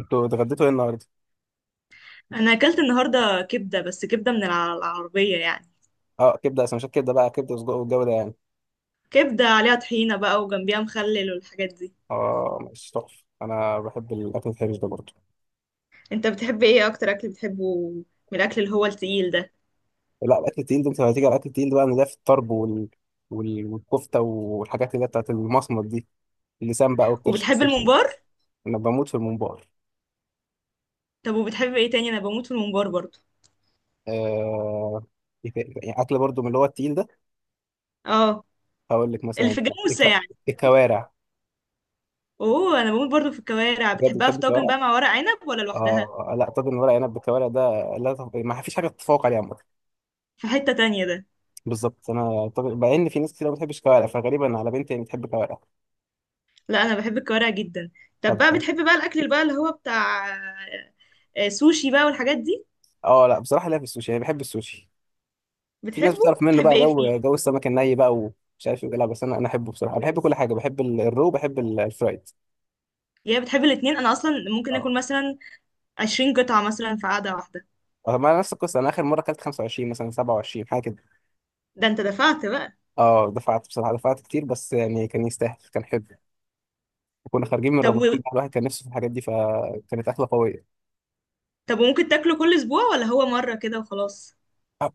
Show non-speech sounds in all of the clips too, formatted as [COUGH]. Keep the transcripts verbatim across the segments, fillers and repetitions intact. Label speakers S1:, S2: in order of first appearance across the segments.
S1: انتوا اتغديتوا ايه النهارده؟
S2: انا اكلت النهارده كبده، بس كبده من الع- العربيه يعني.
S1: اه، كبده، سندوتشات كبده بقى كبده وسجق، والجو ده يعني.
S2: كبده عليها طحينه بقى، وجنبيها مخلل والحاجات دي.
S1: اه، ماشي تحفه، انا بحب الاكل الحرش ده برضه.
S2: انت بتحب ايه اكتر؟ اكل بتحبه من الاكل اللي هو التقيل ده؟
S1: لا، الاكل التقيل ده انت لو هتيجي على الاكل التقيل ده بقى، إن ده في الطرب وال... وال... والكفته والحاجات اللي هي بتاعت المصمت دي، اللسان بقى والكرش
S2: وبتحب
S1: الكرش.
S2: الممبار؟
S1: انا بموت في الممبار.
S2: طب وبتحب ايه تاني؟ انا بموت في الممبار برضو.
S1: آه... إيه تا- يعني اكل برضه من اللي هو التقيل ده.
S2: اه،
S1: هقول لك
S2: اللي
S1: مثلا
S2: في الجاموسه
S1: الك...
S2: يعني.
S1: الكوارع.
S2: اوه، انا بموت برضو في الكوارع.
S1: بجد
S2: بتحبها
S1: بتحب
S2: في طاجن
S1: الكوارع؟
S2: بقى مع ورق عنب، ولا لوحدها؟
S1: اه، لا طاجن ورق عنب بالكوارع ده، لا تف- ما فيش حاجه تتفوق عليه عامه.
S2: في حته تانية ده.
S1: بالظبط، انا طب مع ان في ناس كتير ما بتحبش كوارع، فغالبا على بنتي يعني بتحب كوارع.
S2: لا، انا بحب الكوارع جدا. طب
S1: طب،
S2: بقى، بتحب بقى الاكل اللي بقى اللي هو بتاع آه، سوشي بقى والحاجات دي؟
S1: اه لا بصراحه، لا في السوشي، يعني بحب السوشي. في ناس بتعرف
S2: بتحبه؟
S1: منه
S2: بتحب
S1: بقى
S2: ايه فيه؟
S1: جو جو السمك الني بقى، ومش عارف ايه، لا بس انا انا احبه بصراحه، بحب كل حاجه، بحب ال- الرو، بحب ال- الفرايد.
S2: يا بتحب الاتنين؟ انا اصلا ممكن
S1: اه
S2: اكل مثلا عشرين قطعة مثلا في قعدة واحدة.
S1: آه، ما نفس القصه، انا اخر مره اكلت خمس وعشرين مثلا سبعة وعشرين حاجه كده.
S2: ده انت دفعت بقى.
S1: اه، دفعت بصراحه، دفعت كتير بس يعني كان يستاهل، كان حلو. وكنا خارجين من
S2: طب
S1: رمضان
S2: و...
S1: بقى، الواحد كان نفسه في الحاجات دي، فكانت اكله قويه.
S2: طب وممكن تاكله كل اسبوع، ولا هو مرة كده وخلاص؟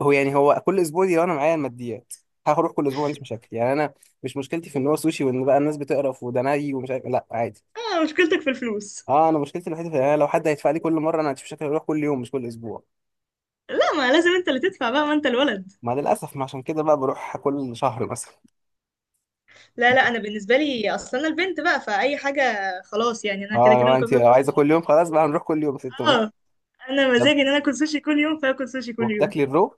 S1: هو يعني هو كل اسبوع دي لو انا معايا الماديات، هروح كل اسبوع، ما عنديش مشاكل، يعني انا مش مشكلتي في ان هو سوشي، وان بقى الناس بتقرف وده ني ومش عارف، لا عادي.
S2: اه، مشكلتك في الفلوس.
S1: اه، انا مشكلتي الوحيده في يعني لو حد هيدفع لي كل مره انا ما عنديش مشاكل، اروح كل يوم مش كل اسبوع.
S2: لا، ما لازم انت اللي تدفع بقى، ما انت الولد.
S1: ما للاسف ما عشان كده بقى بروح كل شهر مثلا.
S2: لا لا، انا بالنسبة لي اصلا انا البنت بقى، فاي حاجة خلاص يعني. انا كده
S1: اه، لو
S2: كده ممكن
S1: انت
S2: اكل
S1: لو عايزه
S2: سوشي.
S1: كل يوم، خلاص بقى هنروح كل يوم ست، ماشي.
S2: اه، انا
S1: طب،
S2: مزاجي ان انا اكل سوشي كل يوم، فاكل سوشي كل يوم.
S1: وبتاكلي الرو.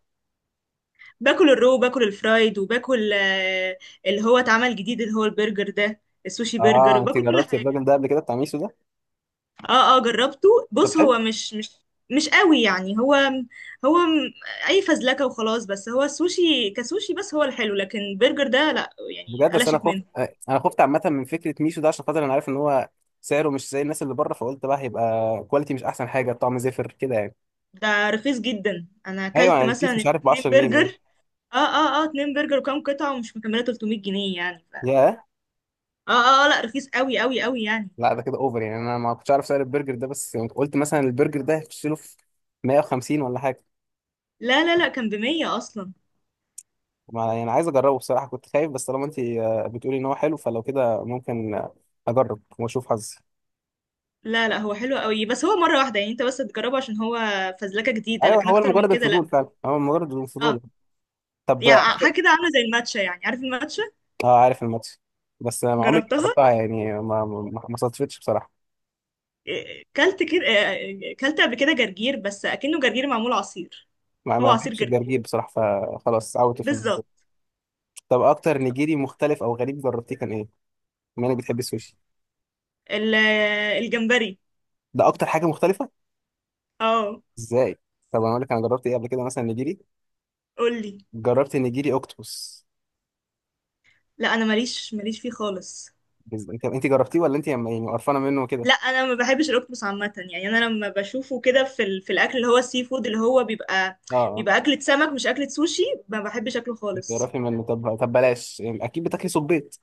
S2: باكل الرو، باكل الفرايد، وباكل آه، اللي هو اتعمل جديد، اللي هو البرجر ده، السوشي
S1: اه،
S2: برجر،
S1: انت
S2: وباكل كل
S1: جربتي
S2: حاجة.
S1: الراجل ده قبل كده بتاع ميسو ده؟
S2: اه اه، جربته.
S1: طب
S2: بص،
S1: حلو.
S2: هو مش مش مش قوي يعني. هو هو م- اي فزلكه وخلاص. بس هو السوشي كسوشي، بس هو الحلو، لكن برجر ده لا. يعني
S1: بجد، اصل انا
S2: قلشت
S1: خفت،
S2: منه.
S1: انا خفت عامه من فكره ميشو ده، عشان خاطر انا عارف ان هو سعره مش زي الناس اللي بره، فقلت بقى هيبقى كواليتي مش احسن حاجه، طعم زفر كده يعني.
S2: ده رخيص جدا. انا
S1: ايوه،
S2: اكلت
S1: أنا البيس
S2: مثلا
S1: مش عارف ب
S2: اتنين
S1: عشرة جنيه باين.
S2: برجر. اه اه اه، اتنين برجر وكام قطعه، ومش مكمله ثلاثمية جنيه يعني. ف...
S1: ياه.
S2: اه اه، آه، لا، رخيص قوي قوي قوي يعني.
S1: لا، ده كده اوفر يعني، انا ما كنتش عارف سعر البرجر ده، بس يعني قلت مثلا البرجر ده هيخش له في مية وخمسين ولا حاجه.
S2: لا لا لا، كان بمية اصلا.
S1: ما يعني عايز اجربه بصراحه، كنت خايف، بس طالما انت آه، بتقولي ان هو حلو، فلو كده ممكن آه، اجرب واشوف حظي.
S2: لا لا، هو حلو قوي، بس هو مره واحده يعني. انت بس تجربه، عشان هو فزلكه جديده،
S1: ايوه،
S2: لكن
S1: هو
S2: اكتر من
S1: مجرد
S2: كده لا.
S1: الفضول فعلا، هو مجرد
S2: اه،
S1: الفضول. طب.
S2: يعني حاجه كده عامله زي الماتشا. يعني عارف الماتشا؟
S1: اه، عارف الماتش، بس ما عمري ما
S2: جربتها.
S1: جربتها، يعني ما ما ما صادفتش بصراحه.
S2: إيه، كلت كده. إيه، كلت قبل كده جرجير، بس اكنه جرجير معمول عصير.
S1: ما
S2: هو
S1: ما
S2: عصير
S1: بحبش
S2: جرجير.
S1: الجرجير بصراحه، فخلاص عودت في الموضوع.
S2: بالظبط.
S1: طب، اكتر نيجيري مختلف او غريب جربتيه كان ايه؟ بما انك بتحب السوشي،
S2: ال- آه، الجمبري.
S1: ده اكتر حاجه مختلفه.
S2: اه.
S1: ازاي؟ طب انا اقول لك انا جربت ايه قبل كده مثلا نيجيري.
S2: قولي.
S1: جربت نيجيري اوكتوبس.
S2: لا، انا ماليش ماليش فيه خالص.
S1: بز- انت انت جربتيه ولا انت يعني قرفانه منه كده؟
S2: لا، انا ما بحبش الاوكتوبس عامه يعني. انا لما بشوفه كده في ال... في الاكل اللي هو السي فود، اللي هو بيبقى
S1: اه اه،
S2: بيبقى اكله سمك، مش اكله سوشي. ما بحبش اكله
S1: انت
S2: خالص.
S1: قرفانه منه. طب طب بلاش يعني، اكيد بتاكلي صبيط.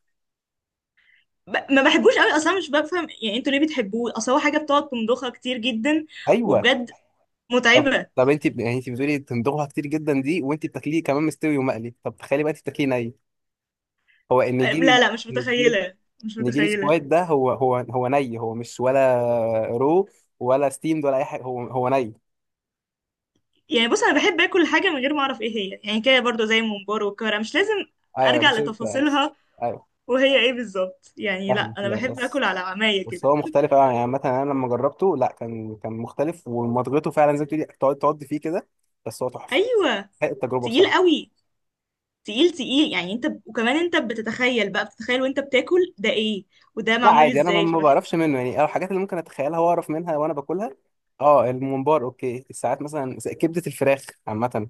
S2: ب... ما بحبوش قوي اصلا. مش بفهم يعني انتوا ليه بتحبوه. اصل هو حاجه بتقعد تمضخها كتير جدا
S1: ايوه.
S2: وبجد.
S1: طب
S2: متعبه.
S1: طب انت ب- يعني انت بتقولي تندوها كتير جدا دي، وانت بتاكليه كمان مستوي ومقلي، طب تخيلي بقى انت بتاكليه ني. هو النجيلي.
S2: لا لا، مش
S1: النجيلي.
S2: متخيله، مش
S1: النجيلي
S2: متخيله.
S1: سكواد ده هو هو هو ني، هو مش ولا رو، ولا ستيمد، ولا اي حاجه، هو هو ني.
S2: يعني بص، انا بحب اكل حاجه من غير ما اعرف ايه هي. يعني كده برضو زي الممبار والكرة، مش لازم
S1: ايوه،
S2: ارجع
S1: مش انت بس.
S2: لتفاصيلها
S1: ايوه
S2: وهي ايه بالظبط يعني. لا،
S1: فاهم،
S2: انا
S1: لا
S2: بحب اكل
S1: بس،
S2: على عمايه
S1: بس
S2: كده.
S1: هو مختلف أوي. يعني مثلا انا لما جربته لا كان كان مختلف، ومضغته فعلا زي ما بتقولي، تقعد تقعد فيه كده، بس هو تحفه،
S2: ايوه.
S1: حقيقة التجربه
S2: تقيل
S1: بصراحه.
S2: قوي. تقيل تقيل يعني. انت وكمان انت بتتخيل بقى بتتخيل وانت بتاكل ده ايه وده
S1: لا
S2: معمول
S1: عادي، انا ما
S2: ازاي،
S1: ما
S2: فبحس.
S1: بعرفش منه يعني، أو الحاجات اللي ممكن اتخيلها واعرف منها وانا باكلها. اه الممبار اوكي، الساعات مثلا زي كبده الفراخ عامه، من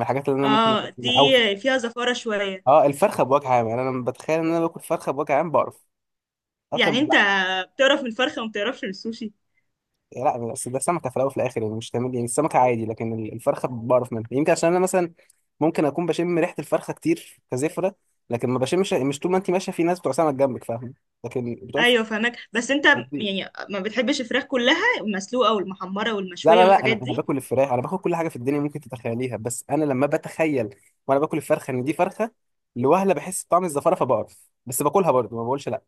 S1: الحاجات اللي انا ممكن
S2: اه، دي
S1: أتخيلها. او
S2: فيها زفاره شويه.
S1: اه، الفرخه بوجه عام، يعني انا لما بتخيل ان انا باكل فرخه بوجه عام بعرف اكتر من
S2: يعني انت
S1: اللحمه.
S2: بتعرف من الفرخه، وما بتعرفش من السوشي.
S1: لا، بس ده سمكه في الاول وفي الاخر، يعني مش تمام، يعني السمكه عادي، لكن ال- الفرخه بعرف منها، يمكن عشان انا مثلا ممكن اكون بشم ريحه الفرخه كتير كزفره، لكن ما بشمش مش طول ما انت ماشيه في ناس بتوع سمك جنبك فاهم، لكن بتوع الفراخ
S2: ايوه فاهمك، بس انت
S1: بتضيع.
S2: يعني ما بتحبش الفراخ كلها، المسلوقه والمحمره
S1: لا
S2: والمشويه
S1: لا لا، انا
S2: والحاجات
S1: انا
S2: دي.
S1: باكل الفراخ، انا باكل كل حاجه في الدنيا ممكن تتخيليها، بس انا لما بتخيل وانا باكل الفرخه ان دي فرخه، لوهله بحس بطعم الزفاره فبقرف، بس باكلها برضه ما بقولش لا.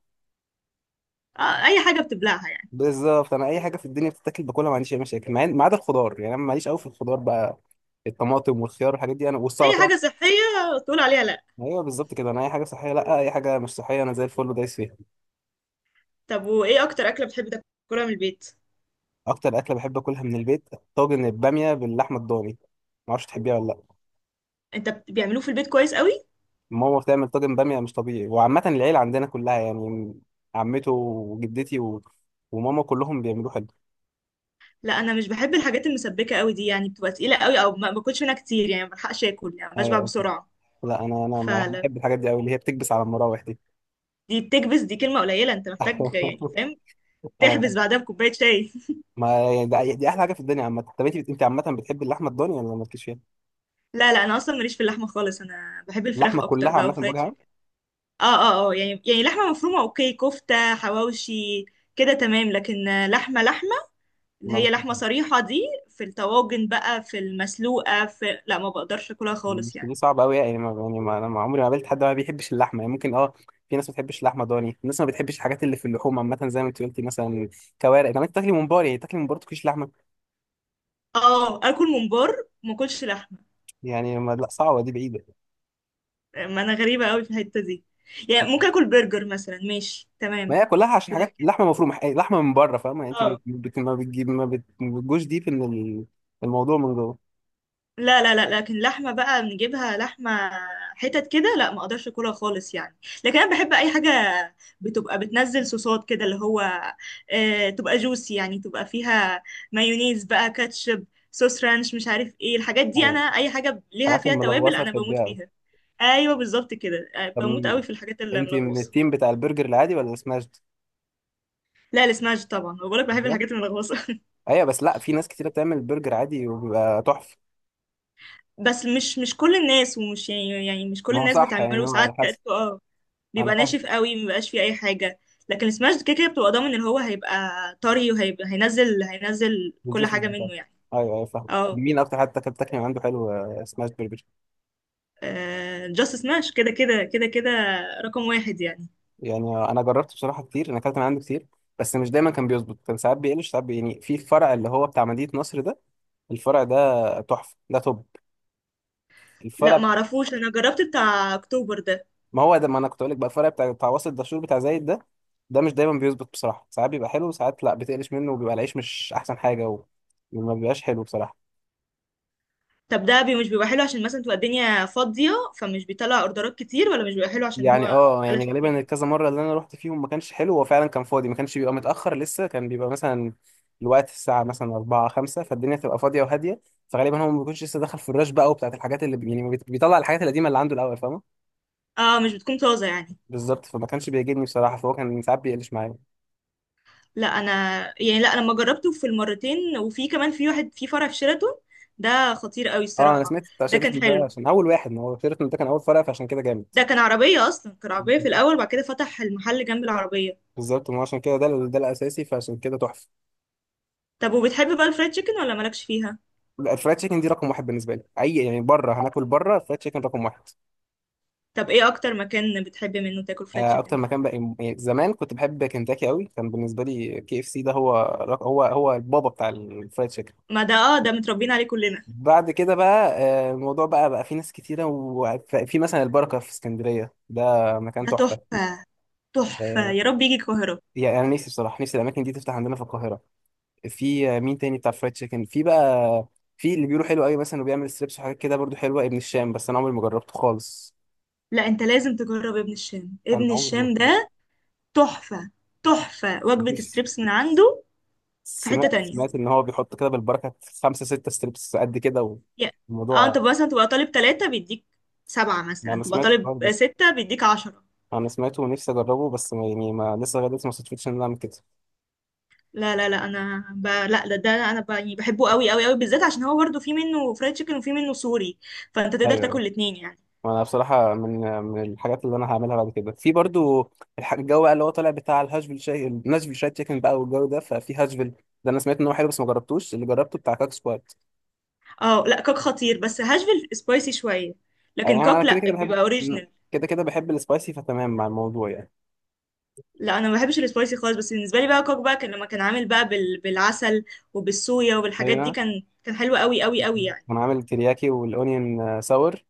S2: آه اي حاجه بتبلعها يعني.
S1: بالظبط، انا اي حاجه في الدنيا بتتاكل باكلها، ما عنديش اي مشاكل مع إن- ما عدا الخضار، يعني انا ماليش قوي في الخضار بقى، الطماطم والخيار والحاجات دي انا والسلطات.
S2: اي حاجه صحيه تقول عليها لا.
S1: ايوه بالظبط كده، انا اي حاجه صحيه لا، اي حاجه مش صحيه انا زي الفل ودايس فيها.
S2: طب وايه اكتر اكله بتحب تاكلها من البيت؟
S1: اكتر اكله بحب اكلها من البيت، طاجن الباميه باللحمه الضاني. ما اعرفش تحبيها ولا لا.
S2: انت بت- بيعملوه في البيت كويس قوي.
S1: ماما بتعمل طاجن باميه مش طبيعي، وعامه العيله عندنا كلها يعني، عمته وجدتي و... وماما كلهم بيعملوه حلو.
S2: لا، انا مش بحب الحاجات المسبكه قوي دي، يعني بتبقى تقيله قوي، او ما باكلش منها كتير يعني. ما بلحقش اكل يعني، بشبع
S1: ايوه،
S2: بسرعه.
S1: لا انا انا ما
S2: فلا.
S1: بحب الحاجات دي قوي، اللي هي بتكبس على المراوح دي.
S2: دي بتكبس، دي كلمه قليله. انت محتاج يعني،
S1: [LAUGHS]
S2: فاهم، تحبس
S1: انا،
S2: بعدها بكوبايه شاي.
S1: ما يعني ده دي احلى حاجه في الدنيا عامه. طب انت انت عامه بتحب اللحمه الضاني ولا مالكيش فيها،
S2: [LAUGHS] لا لا، انا اصلا ماليش في اللحمه خالص. انا بحب الفراخ
S1: اللحمه كلها
S2: اكتر بقى
S1: عامه
S2: وفرايد
S1: بوجه عام؟
S2: تشيكن. اه اه اه، يعني يعني لحمة مفرومة اوكي، كفتة، حواوشي، كده تمام. لكن آه، لحمة لحمة، اللي
S1: ما
S2: هي لحمة
S1: بتحبها؟
S2: صريحة دي، في الطواجن بقى، في المسلوقة، في لا، ما بقدرش اكلها خالص
S1: مش دي
S2: يعني.
S1: صعبه قوي، يعني ما يعني ما انا ما عمري ما قابلت حد ما بيحبش اللحمه، يعني ممكن اه في ناس ما بتحبش اللحمه ضاني، في ناس ما بتحبش الحاجات اللي في اللحوم عامه زي ما انت قلتي مثلا كوارع، طب انت تاكلي ممبار يعني تاكلي ممبار تاكليش لحمه،
S2: اه، اكل ممبار، ما اكلش لحمة.
S1: يعني ما لا صعبه دي بعيده.
S2: ما انا غريبة قوي في الحتة دي. يعني ممكن اكل برجر مثلا، ماشي تمام،
S1: ما هي كلها عشان حاجات
S2: لكن
S1: لحمه مفرومه، يعني لحمه من بره فاهمه، يعني انت
S2: اه.
S1: بت- بت- ما بتجيب ما بت- ما بتجوش ديب ان ال- الموضوع من جوه.
S2: لا لا لا، لكن لحمة بقى بنجيبها لحمة، حتت كده، لا، ما اقدرش اكلها خالص يعني. لكن انا بحب اي حاجة بتبقى بتنزل صوصات كده، اللي هو آه تبقى جوسي يعني. تبقى فيها مايونيز بقى، كاتشب، صوص رانش، مش عارف ايه الحاجات دي. انا
S1: أيوة.
S2: اي حاجة ليها
S1: الحاجات
S2: فيها توابل
S1: الملغوصه
S2: انا بموت
S1: تحبيها.
S2: فيها. ايوه بالظبط كده. آه،
S1: طب،
S2: بموت قوي في الحاجات اللي
S1: انت من
S2: ملغوصة.
S1: التيم بتاع البرجر العادي ولا سماشد؟
S2: لا، السماش طبعا. بقولك بحب
S1: أيوة.
S2: الحاجات الملغوصة. [LAUGHS]
S1: أيوة، بس لا في ناس كتيرة بتعمل برجر عادي وبيبقى تحفة.
S2: بس مش مش كل الناس، ومش يعني يعني مش كل
S1: ما هو
S2: الناس
S1: صح يعني،
S2: بتعمله
S1: هو على
S2: ساعات كده.
S1: حسب.
S2: اه،
S1: أنا
S2: بيبقى
S1: فاهم.
S2: ناشف قوي، مبيبقاش فيه اي حاجه. لكن السماش كده كده بتبقى ضامن ان هو هيبقى طري، وهيبقى هينزل هينزل كل
S1: الجوسز
S2: حاجه منه
S1: بتاعته.
S2: يعني.
S1: أيوة أيوة فاهم.
S2: اه،
S1: مين أكتر حد أكلت تاكل من عنده حلو آه، سماش برجر؟
S2: جاست سماش كده كده كده كده، رقم واحد يعني.
S1: يعني أنا جربت بصراحة كتير، أنا أكلت من عنده كتير، بس مش دايما كان بيظبط، كان ساعات بيقلش، ساعات بي- يعني في الفرع اللي هو بتاع مدينة نصر ده، الفرع ده تحفة، ده توب
S2: لا
S1: الفرع.
S2: معرفوش، انا جربت بتاع اكتوبر ده.
S1: ما هو ده، ما انا كنت اقول لك بقى، الفرق بتاع بتاع وسط الدشور بتاع زايد ده، ده مش دايما بيظبط بصراحه، ساعات بيبقى حلو وساعات لا بتقلش منه، وبيبقى العيش مش احسن حاجه، و- وما بيبقاش حلو بصراحه.
S2: طب ده بي مش بيبقى حلو عشان مثلا تبقى الدنيا فاضيه، فمش بيطلع اوردرات كتير، ولا مش بيبقى حلو عشان
S1: يعني
S2: هو
S1: اه، يعني
S2: قلشت
S1: غالبا
S2: منه؟
S1: الكذا مره اللي انا رحت فيهم ما كانش حلو، هو فعلا كان فاضي، ما كانش بيبقى متاخر لسه، كان بيبقى مثلا الوقت الساعه مثلا اربعة خمسة، فالدنيا تبقى فاضيه وهاديه، فغالبا هو ما بيكونش لسه دخل في الرش بقى، وبتاعت الحاجات اللي بي- يعني ما بيت- بيطلع الحاجات القديمه اللي عنده الاول فاهمه.
S2: اه، مش بتكون طازه يعني.
S1: بالظبط، فما كانش بيعجبني بصراحه، فهو كان ساعات بيقلش معايا.
S2: لا انا يعني لا، انا لما جربته في المرتين، وفي كمان في واحد في فرع في شيراتون، ده خطير قوي
S1: اه، انا
S2: الصراحه.
S1: سمعت بتاع
S2: ده كان
S1: شيراتون ده،
S2: حلو.
S1: عشان اول واحد، ما هو شيراتون ده كان اول فرع، فعشان كده جامد.
S2: ده كان عربية أصلا، كان عربية في الأول، وبعد كده فتح المحل جنب العربية.
S1: بالظبط، ما عشان كده ده ال- ده الاساسي، فعشان كده تحفه.
S2: طب وبتحب بقى الفرايد تشيكن، ولا مالكش فيها؟
S1: لا، الفرايد تشيكن دي رقم واحد بالنسبه لي، اي يعني بره هناكل، بره فرايد تشيكن رقم واحد.
S2: طب ايه أكتر مكان بتحب منه تاكل فرايد
S1: آه،
S2: تشيكن؟
S1: اكتر مكان بقى، يعني زمان كنت بحب كنتاكي قوي، كان بالنسبه لي كي اف سي ده هو رق- هو هو البابا بتاع الفرايد تشيكن.
S2: ما ده، اه، ده متربيين عليه كلنا.
S1: بعد كده بقى آه، الموضوع بقى بقى في ناس كتيره، وفي مثلا البركه في اسكندريه ده، مكان
S2: ده
S1: تحفه.
S2: تحفة، تحفة.
S1: آه،
S2: يا رب يجي القاهرة.
S1: يعني أنا نفسي بصراحه، نفسي الاماكن دي تفتح عندنا في القاهره. في مين تاني بتاع فرايد تشيكن في بقى؟ في اللي بيقولوا حلو قوي مثلا وبيعمل ستريبس وحاجات كده برضو حلوه، ابن الشام، بس انا عمري ما جربته خالص،
S2: لا، انت لازم تجرب ابن الشام.
S1: انا
S2: ابن
S1: عمري ما
S2: الشام ده
S1: جربته.
S2: تحفة. تحفة وجبة
S1: نفسي
S2: ستريبس من عنده. في حتة
S1: سمعت
S2: تانية.
S1: سمعت ان هو بيحط كده بالبركه خمسه سته ستريبس قد كده،
S2: يا- اه، انت
S1: والموضوع.
S2: مثلا تبقى طالب ثلاثة، بيديك سبعة.
S1: ما
S2: مثلا
S1: انا
S2: تبقى
S1: سمعت
S2: طالب
S1: الحوار ده،
S2: ستة، بيديك عشرة.
S1: انا سمعته ونفسي اجربه، بس ما يعني ما لسه لغايه دلوقتي ما صدفتش ان انا اعمل كده.
S2: لا لا لا، انا ب... لا، ده, ده انا ب... يعني بحبه قوي قوي قوي، بالذات عشان هو برضه في منه فرايد تشيكن وفي منه سوري، فانت تقدر
S1: ايوه،
S2: تاكل الاتنين يعني.
S1: انا بصراحه من من الحاجات اللي انا هعملها بعد كده في برضو الح- الجو بقى اللي هو طالع بتاع الهاشفيل شاي، الناشفيل شاي تشيكن بقى، والجو ده ففي هاشفيل ده، انا سمعت ان هو حلو بس ما جربتوش، اللي جربته بتاع كاك سكوات.
S2: اه، لا كوك خطير، بس هاشفيل سبايسي شويه،
S1: يعني
S2: لكن
S1: انا
S2: كوك
S1: كده
S2: لا،
S1: كده بحب،
S2: بيبقى اوريجينال.
S1: كده كده بحب السبايسي، فتمام مع الموضوع يعني.
S2: لا، انا ما بحبش السبايسي خالص، بس بالنسبه لي بقى كوك بقى، كان لما كان عامل بقى بال... بالعسل وبالصويا وبالحاجات دي،
S1: هنا،
S2: كان كان حلو قوي قوي قوي يعني.
S1: انا عامل ترياكي والاونيون ساور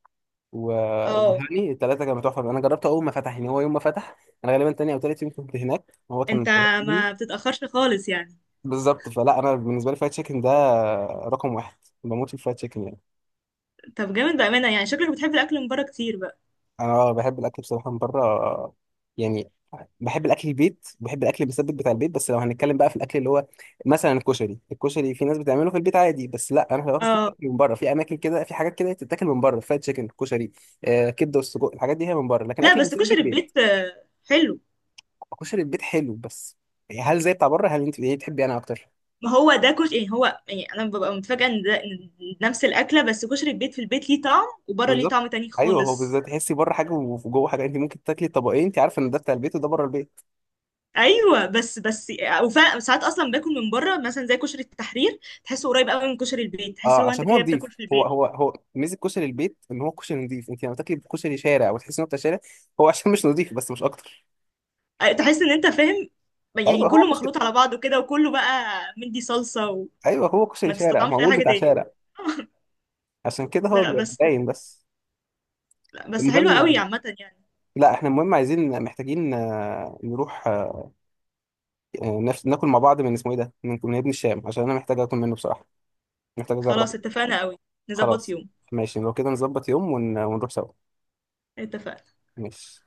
S1: و-
S2: اه،
S1: والهاني، الثلاثه كانوا تحفه، انا جربته اول ما فتح يعني، هو يوم ما فتح انا غالبا تاني او تالت يوم كنت هناك، هو كان
S2: انت
S1: قريب مني.
S2: ما بتتاخرش خالص يعني.
S1: بالظبط، فلا انا بالنسبه لي فرايد تشيكن ده رقم واحد، بموت في الفرايد تشيكن يعني.
S2: طب جامد بامانه. يعني شكلك بتحب الاكل من بره كتير بقى.
S1: انا بحب الاكل بصراحه من بره يعني، بحب الاكل البيت، بحب الاكل المسبك بتاع البيت، بس لو هنتكلم بقى في الاكل اللي هو مثلا الكشري الكشري في ناس بتعمله في البيت عادي، بس لا انا باكل
S2: اه،
S1: كشري من بره، في اماكن كده، في حاجات كده تتاكل من بره، فرايد تشيكن، كشري، آه كبده والسجق، الحاجات دي هي من بره، لكن
S2: لا
S1: الاكل
S2: بس
S1: المسبك
S2: كشري
S1: بيت.
S2: البيت آه، حلو.
S1: كشري البيت حلو بس هل زي بتاع بره؟ هل انت ايه تحبي انا اكتر؟
S2: ما هو ده كشري يعني. هو يعني انا ببقى متفاجئه ان ده، إن نفس الاكله، بس كشري البيت في البيت ليه طعم، وبره ليه
S1: بالظبط.
S2: طعم تاني
S1: ايوه، هو
S2: خالص.
S1: بالظبط، تحسي بره حاجه وجوه حاجه، انت ممكن تاكلي طبقين انت عارفه ان ده بتاع البيت وده بره البيت.
S2: ايوه بس، بس وفعلا ساعات اصلا باكل من بره مثلا زي كشري التحرير، تحسه قريب قوي من كشري البيت، تحس
S1: اه،
S2: لو انت
S1: عشان هو
S2: كده
S1: نضيف،
S2: بتاكل في
S1: هو
S2: البيت.
S1: هو هو ميزه كشري البيت ان هو كشري نضيف، انت لما تاكلي كشري شارع وتحسي انه بتاع شارع، هو عشان مش نضيف بس مش اكتر.
S2: أي- تحس ان انت، فاهم يعني،
S1: ايوه هو
S2: كله
S1: كشري.
S2: مخلوط على بعضه كده، وكله بقى مدي صلصه،
S1: ايوه هو كشري
S2: وما
S1: شارع،
S2: تستطعمش اي
S1: معمول
S2: حاجه
S1: بتاع
S2: تاني.
S1: شارع،
S2: [LAUGHS]
S1: عشان كده هو
S2: لا
S1: بيبقى
S2: بس
S1: باين بس.
S2: لا بس، حلوه قوي
S1: المهم،
S2: عامه يعني.
S1: لا احنا المهم عايزين محتاجين آه، نروح آه، نف- ناكل مع بعض، من اسمه ايه ده، من من ابن الشام، عشان انا محتاج اكل منه بصراحه، محتاج اجربه.
S2: خلاص، اتفقنا قوي. نظبط
S1: خلاص.
S2: يوم.
S1: ماشي لو كده، نظبط يوم ون- ونروح سوا.
S2: اتفقنا.
S1: ماشي.